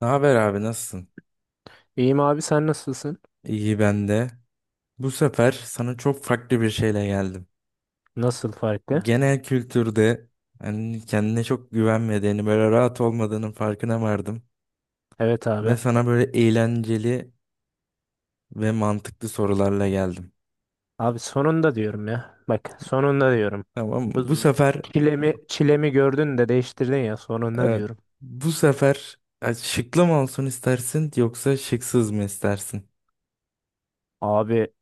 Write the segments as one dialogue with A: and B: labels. A: Ne haber abi, nasılsın?
B: İyiyim abi, sen nasılsın?
A: İyi ben de. Bu sefer sana çok farklı bir şeyle geldim.
B: Nasıl farklı?
A: Genel kültürde hani kendine çok güvenmediğini, böyle rahat olmadığının farkına vardım.
B: Evet
A: Ve
B: abi.
A: sana böyle eğlenceli ve mantıklı sorularla geldim.
B: Abi sonunda diyorum ya. Bak sonunda diyorum.
A: Tamam mı?
B: Bu
A: Bu
B: z-
A: sefer
B: çilemi gördün de değiştirdin ya sonunda
A: evet,
B: diyorum.
A: bu sefer şıklı mı olsun istersin yoksa şıksız mı istersin?
B: Abi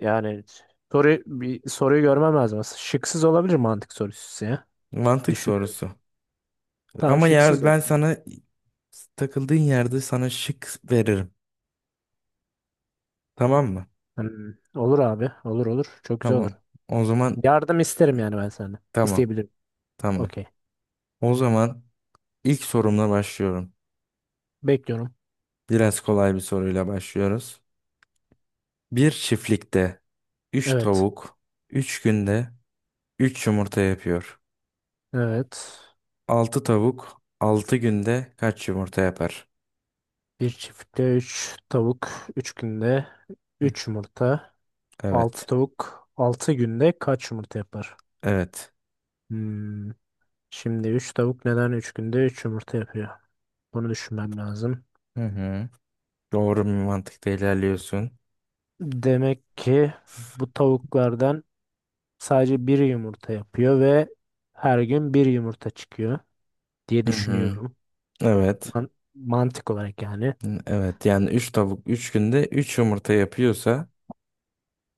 B: yani bir soruyu görmem lazım aslında. Şıksız olabilir mantık sorusu ya.
A: Mantık
B: Düşünüyorum.
A: sorusu.
B: Tamam,
A: Ama yer,
B: şıksız
A: ben
B: olsun.
A: sana takıldığın yerde sana şık veririm. Tamam mı?
B: Hmm, olur abi. Olur, olur. Çok güzel olur.
A: Tamam. O zaman
B: Yardım isterim yani ben senden.
A: Tamam,
B: İsteyebilirim.
A: tamam.
B: Okey.
A: O zaman ilk sorumla başlıyorum.
B: Bekliyorum.
A: Biraz kolay bir soruyla başlıyoruz. Bir çiftlikte üç
B: Evet.
A: tavuk 3 günde 3 yumurta yapıyor.
B: Evet.
A: 6 tavuk 6 günde kaç yumurta yapar?
B: Bir çiftlikte 3 tavuk 3 günde
A: Hı,
B: 3 yumurta. Altı
A: evet,
B: tavuk 6 günde kaç yumurta yapar?
A: evet.
B: Hmm. Şimdi 3 tavuk neden 3 günde 3 yumurta yapıyor? Bunu düşünmem lazım.
A: Hı hı. Doğru bir mantıkta ilerliyorsun.
B: Demek ki bu tavuklardan sadece bir yumurta yapıyor ve her gün bir yumurta çıkıyor diye
A: Hı hı.
B: düşünüyorum.
A: Evet.
B: Mantık olarak yani.
A: Hı, evet, yani 3 tavuk 3 günde 3 yumurta yapıyorsa,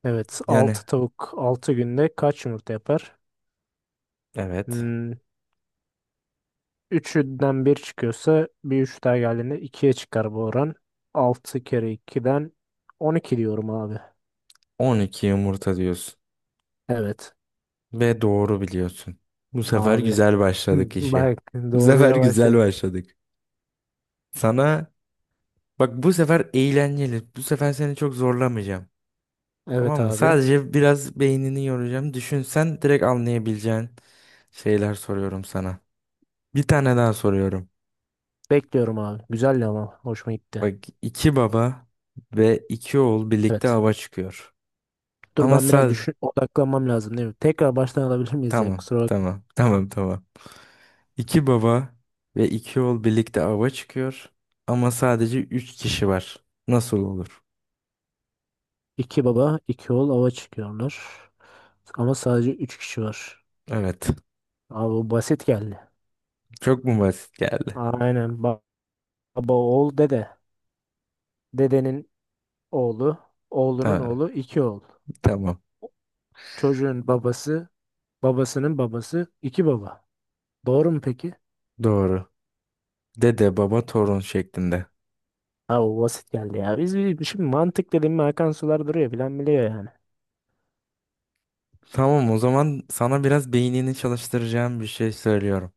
B: Evet,
A: yani
B: 6 tavuk 6 günde kaç yumurta yapar?
A: evet,
B: Hmm, Üçünden bir çıkıyorsa bir 3 daha geldiğinde 2'ye çıkar bu oran. 6 kere ikiden 12 diyorum abi.
A: 12 yumurta diyorsun.
B: Evet
A: Ve doğru biliyorsun. Bu sefer
B: abi.
A: güzel başladık işe.
B: Bak,
A: Bu sefer
B: doğruya
A: güzel
B: başladık.
A: başladık. Sana Bak, bu sefer eğlenceli. Bu sefer seni çok zorlamayacağım.
B: Evet
A: Tamam mı?
B: abi.
A: Sadece biraz beynini yoracağım. Düşünsen direkt anlayabileceğin şeyler soruyorum sana. Bir tane daha soruyorum.
B: Bekliyorum abi. Güzeldi ama hoşuma gitti.
A: Bak, iki baba ve iki oğul birlikte
B: Evet.
A: ava çıkıyor.
B: Dur,
A: Ama
B: ben biraz
A: sadece...
B: düşün, odaklanmam lazım, değil mi? Tekrar baştan alabilir miyiz ya?
A: Tamam,
B: Kusura bakma.
A: tamam, tamam, tamam. İki baba ve iki oğul birlikte ava çıkıyor ama sadece üç kişi var. Nasıl olur?
B: İki baba, iki oğul ava çıkıyorlar. Ama sadece üç kişi var.
A: Evet.
B: Abi bu basit geldi.
A: Çok mu basit geldi?
B: Aynen. Baba, oğul, dede. Dedenin oğlu, oğlunun
A: Ha,
B: oğlu iki oğul.
A: tamam.
B: Çocuğun babası, babasının babası iki baba. Doğru mu peki?
A: Doğru. Dede, baba, torun şeklinde.
B: Ha, o basit geldi ya. Şimdi mantık dedim mi akan sular duruyor, bilen biliyor yani.
A: Tamam, o zaman sana biraz beynini çalıştıracağım bir şey söylüyorum.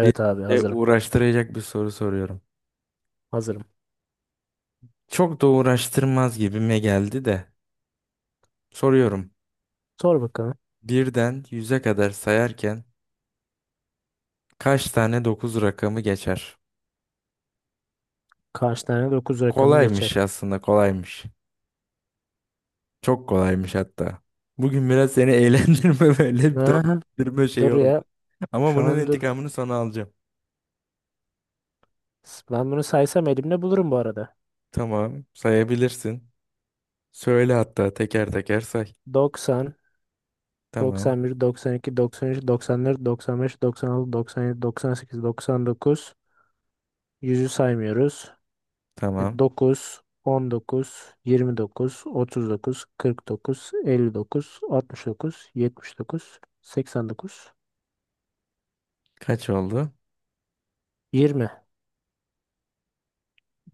A: Bir
B: abi,
A: de
B: hazırım.
A: uğraştıracak bir soru soruyorum.
B: Hazırım.
A: Çok da uğraştırmaz gibime geldi de. Soruyorum.
B: Sor bakalım.
A: Birden yüze kadar sayarken kaç tane dokuz rakamı geçer?
B: Kaç tane dokuz rakamı
A: Kolaymış,
B: geçer?
A: aslında kolaymış. Çok kolaymış hatta. Bugün biraz seni eğlendirme böyle bir
B: Aha,
A: dövdürme şeyi
B: dur
A: oldu.
B: ya.
A: Ama
B: Şu
A: bunun
B: an dur.
A: intikamını sana alacağım.
B: Ben bunu saysam elimde bulurum bu arada.
A: Tamam, sayabilirsin. Söyle, hatta teker teker say.
B: Doksan,
A: Tamam,
B: doksan bir, iki, doksan üç, doksan dört, doksan beş, doksan altı, doksan yedi, doksan sekiz, doksan dokuz. Yüzü saymıyoruz.
A: tamam.
B: 9, 19, 29, 39, 49, 59, 69, 79, 89.
A: Kaç oldu?
B: 20.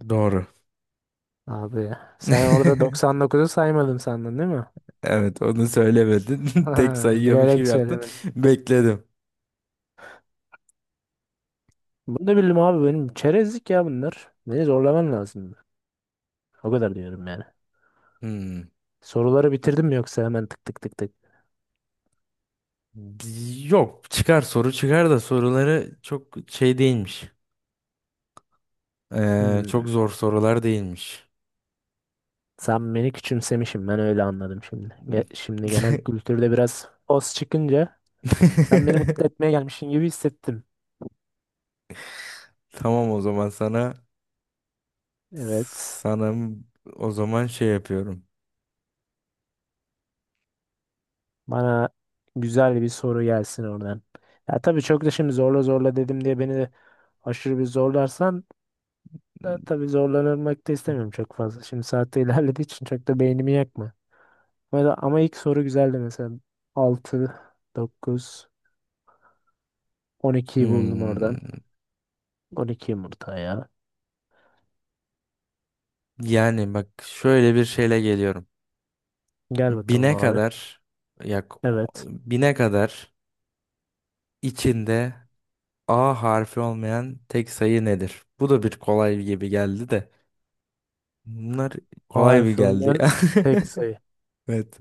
A: Doğru.
B: Abi, sen orada 99'u saymadın sandın, değil mi?
A: Evet, onu söylemedin. Tek
B: Ha,
A: sayıyormuş gibi
B: bilerek
A: yaptın.
B: söylemedim.
A: Bekledim.
B: Bunu da bildim abi, benim çerezlik ya bunlar. Beni zorlaman lazım. O kadar diyorum yani.
A: Hmm.
B: Soruları bitirdim mi, yoksa hemen tık tık tık tık?
A: Yok, çıkar soru, çıkar da soruları çok şey değilmiş.
B: Hmm.
A: Çok zor sorular değilmiş.
B: Sen beni küçümsemişim, ben öyle anladım şimdi. Şimdi genel kültürde biraz os çıkınca sen beni mutlu etmeye gelmişsin gibi hissettim.
A: Tamam, o zaman sana
B: Evet.
A: sana o zaman şey yapıyorum.
B: Bana güzel bir soru gelsin oradan. Ya tabii, çok da şimdi zorla zorla dedim diye beni de aşırı bir zorlarsan da tabii, zorlanmak da istemiyorum çok fazla. Şimdi saatte ilerlediği için çok da beynimi yakma. Ama ilk soru güzeldi mesela. 6, 9, 12'yi buldum oradan.
A: Hmm,
B: 12 yumurta ya.
A: yani bak, şöyle bir şeyle geliyorum.
B: Gel bakalım
A: Bine
B: abi.
A: kadar yak
B: Evet.
A: bine kadar içinde A harfi olmayan tek sayı nedir? Bu da bir kolay gibi geldi de. Bunlar
B: A
A: kolay bir
B: harfi
A: geldi
B: olmayan
A: ya.
B: tek sayı.
A: Evet.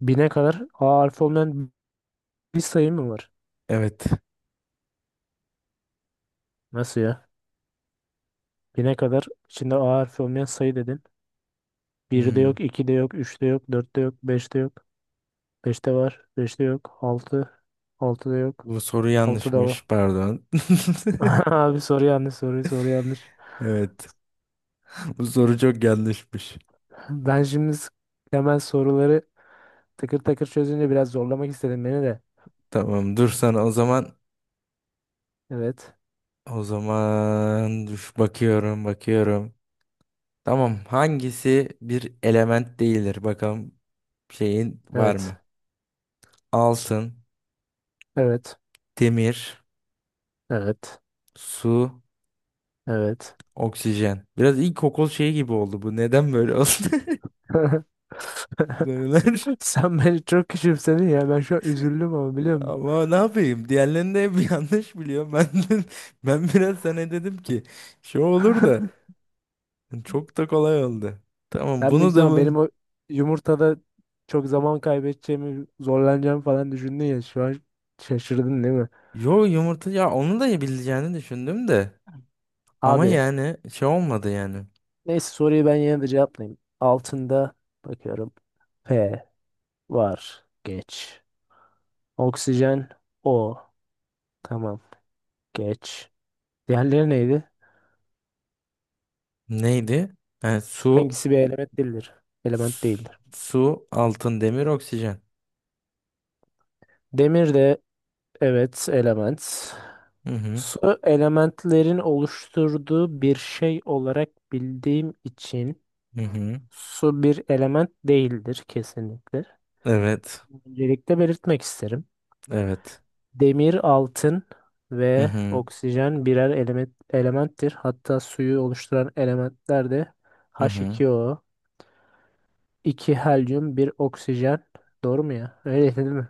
B: Bine kadar A harfi olmayan bir sayı mı var?
A: Evet.
B: Nasıl ya? Bine kadar içinde A harfi olmayan sayı dedin. Birde
A: Hmm,
B: yok, 2'de yok, üçte yok, dörtte yok, beşte yok. Beşte var, beşte yok, 6, altıda yok,
A: bu soru
B: altıda
A: yanlışmış.
B: var.
A: Pardon.
B: Abi, soru yanlış, soru yanlış.
A: Evet. Bu soru çok yanlışmış.
B: Ben şimdi hemen soruları takır takır çözünce biraz zorlamak istedim beni de.
A: Tamam, dur sana o zaman.
B: Evet,
A: O zaman üf, bakıyorum bakıyorum. Tamam, hangisi bir element değildir? Bakalım, şeyin var
B: evet,
A: mı? Altın,
B: evet,
A: demir,
B: evet,
A: su,
B: evet.
A: oksijen. Biraz ilkokul şeyi gibi oldu bu. Neden böyle oldu? Sorular.
B: Sen beni çok küçümsedin ya. Ben şu an üzüldüm ama, biliyor musun?
A: Ama ne yapayım? Diğerlerini de hep yanlış biliyorum. Ben biraz sana dedim ki şey olur da çok da kolay oldu. Tamam,
B: Ben büyük
A: bunu da
B: ihtimal benim
A: mı?
B: o yumurtada çok zaman kaybedeceğimi, zorlanacağımı falan düşündün ya. Şu an şaşırdın, değil mi?
A: Yo, yumurta ya, onu da bileceğini düşündüm de. Ama
B: Abi,
A: yani şey olmadı yani.
B: neyse, soruyu ben yine de cevaplayayım. Altında bakıyorum. P var. Geç. Oksijen O. Tamam. Geç. Diğerleri neydi?
A: Neydi? Yani su.
B: Hangisi bir element değildir? Element değildir.
A: Su, altın, demir, oksijen.
B: Demir de evet element.
A: Hı hı.
B: Su, elementlerin oluşturduğu bir şey olarak bildiğim için
A: Hı hı.
B: su bir element değildir kesinlikle.
A: Evet.
B: Öncelikle belirtmek isterim.
A: Evet.
B: Demir, altın
A: Hı
B: ve
A: hı.
B: oksijen birer element, elementtir. Hatta suyu oluşturan elementler de
A: Hı
B: h
A: hı.
B: iki o, 2 helyum, bir oksijen. Doğru mu ya? Öyle değil mi?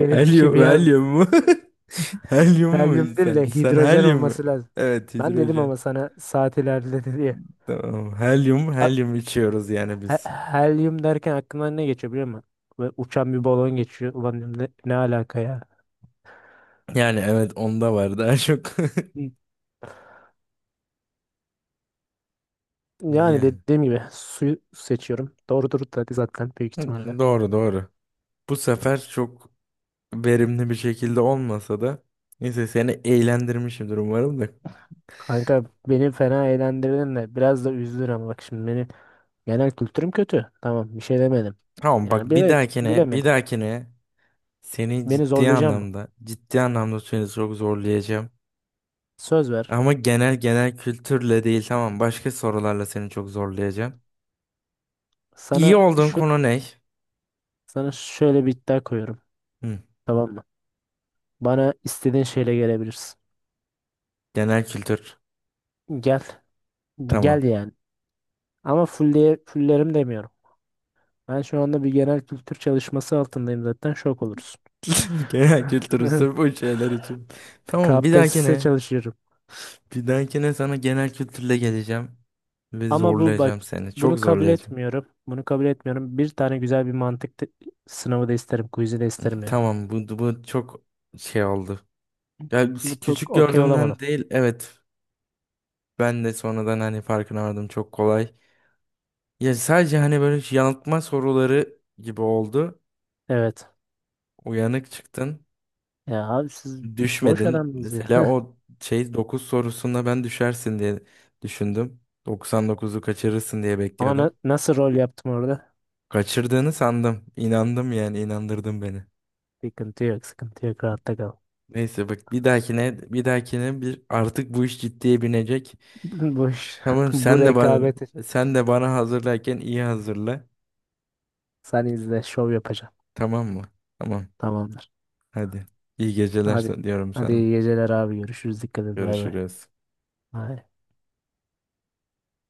B: Benim
A: Helyum,
B: kimya,
A: helyum mu? Helyum mu
B: helyum değil
A: sen?
B: de
A: Sen
B: hidrojen
A: helyum mu?
B: olması lazım.
A: Evet,
B: Ben dedim
A: hidrojen.
B: ama sana, saat ilerledi diye.
A: Tamam. Helyum,
B: A-
A: helyum içiyoruz yani biz.
B: Helyum derken aklımdan ne geçiyor biliyor musun? Ve uçan bir balon geçiyor. Ulan dedim, ne alaka ya?
A: Yani evet, onda var daha çok.
B: Yani
A: Yani.
B: dediğim gibi suyu seçiyorum. Doğrudur tabii, zaten büyük
A: Hı,
B: ihtimalle.
A: doğru doğru. Bu sefer çok verimli bir şekilde olmasa da, neyse, seni eğlendirmişimdir umarım da.
B: Kanka, beni fena eğlendirdin de biraz da üzdün ama bak şimdi benim genel kültürüm kötü. Tamam, bir şey demedim.
A: Tamam, bak,
B: Yani
A: bir dahakine bir
B: bilemedik.
A: dahakine seni
B: Beni
A: ciddi
B: zorlayacak mı?
A: anlamda ciddi anlamda seni çok zorlayacağım.
B: Söz ver.
A: Ama genel kültürle değil, tamam, başka sorularla seni çok zorlayacağım. İyi
B: Sana
A: olduğun
B: şu
A: konu ne?
B: sana şöyle bir iddia koyuyorum.
A: Hı,
B: Tamam mı? Bana istediğin şeyle gelebilirsin.
A: genel kültür.
B: Gel.
A: Tamam.
B: Gel yani. Ama full diye fullerim demiyorum. Ben şu anda bir genel kültür çalışması altındayım, zaten şok olursun.
A: Genel kültür sırf bu şeyler için. Tamam, bir
B: KPSS
A: dahakine
B: çalışıyorum.
A: bir dahakine sana genel kültürle geleceğim ve
B: Ama bu bak,
A: zorlayacağım seni. Çok
B: bunu kabul
A: zorlayacağım.
B: etmiyorum. Bunu kabul etmiyorum. Bir tane güzel bir mantık sınavı da isterim. Quiz'i de isterim yani.
A: Tamam, bu çok şey oldu. Yani
B: Bu çok
A: küçük
B: okey olamadım.
A: gördüğümden değil, evet, ben de sonradan hani farkına vardım, çok kolay. Ya, sadece hani böyle yanıltma soruları gibi oldu.
B: Evet.
A: Uyanık çıktın,
B: Ya abi, siz boş
A: düşmedin.
B: adamsınız ya.
A: Mesela o şey, 9 sorusunda ben düşersin diye düşündüm. Doksan dokuzu kaçırırsın diye
B: Ama na-
A: bekliyordum.
B: nasıl rol yaptım orada?
A: Kaçırdığını sandım. İnandım yani, inandırdın beni.
B: Sıkıntı yok. Sıkıntı yok. Rahatta kal.
A: Neyse, bak, bir dahakine bir dahakine bir artık bu iş ciddiye binecek.
B: Boş.
A: Tamam,
B: Bu
A: sen de bana
B: rekabeti
A: sen de bana hazırlarken iyi hazırla.
B: sen izle. Şov yapacağım.
A: Tamam mı? Tamam.
B: Tamamdır.
A: Hadi. İyi geceler
B: Hadi.
A: diyorum
B: Hadi,
A: sana.
B: iyi geceler abi. Görüşürüz. Dikkat et. Bay bay.
A: Görüşürüz.
B: Bay.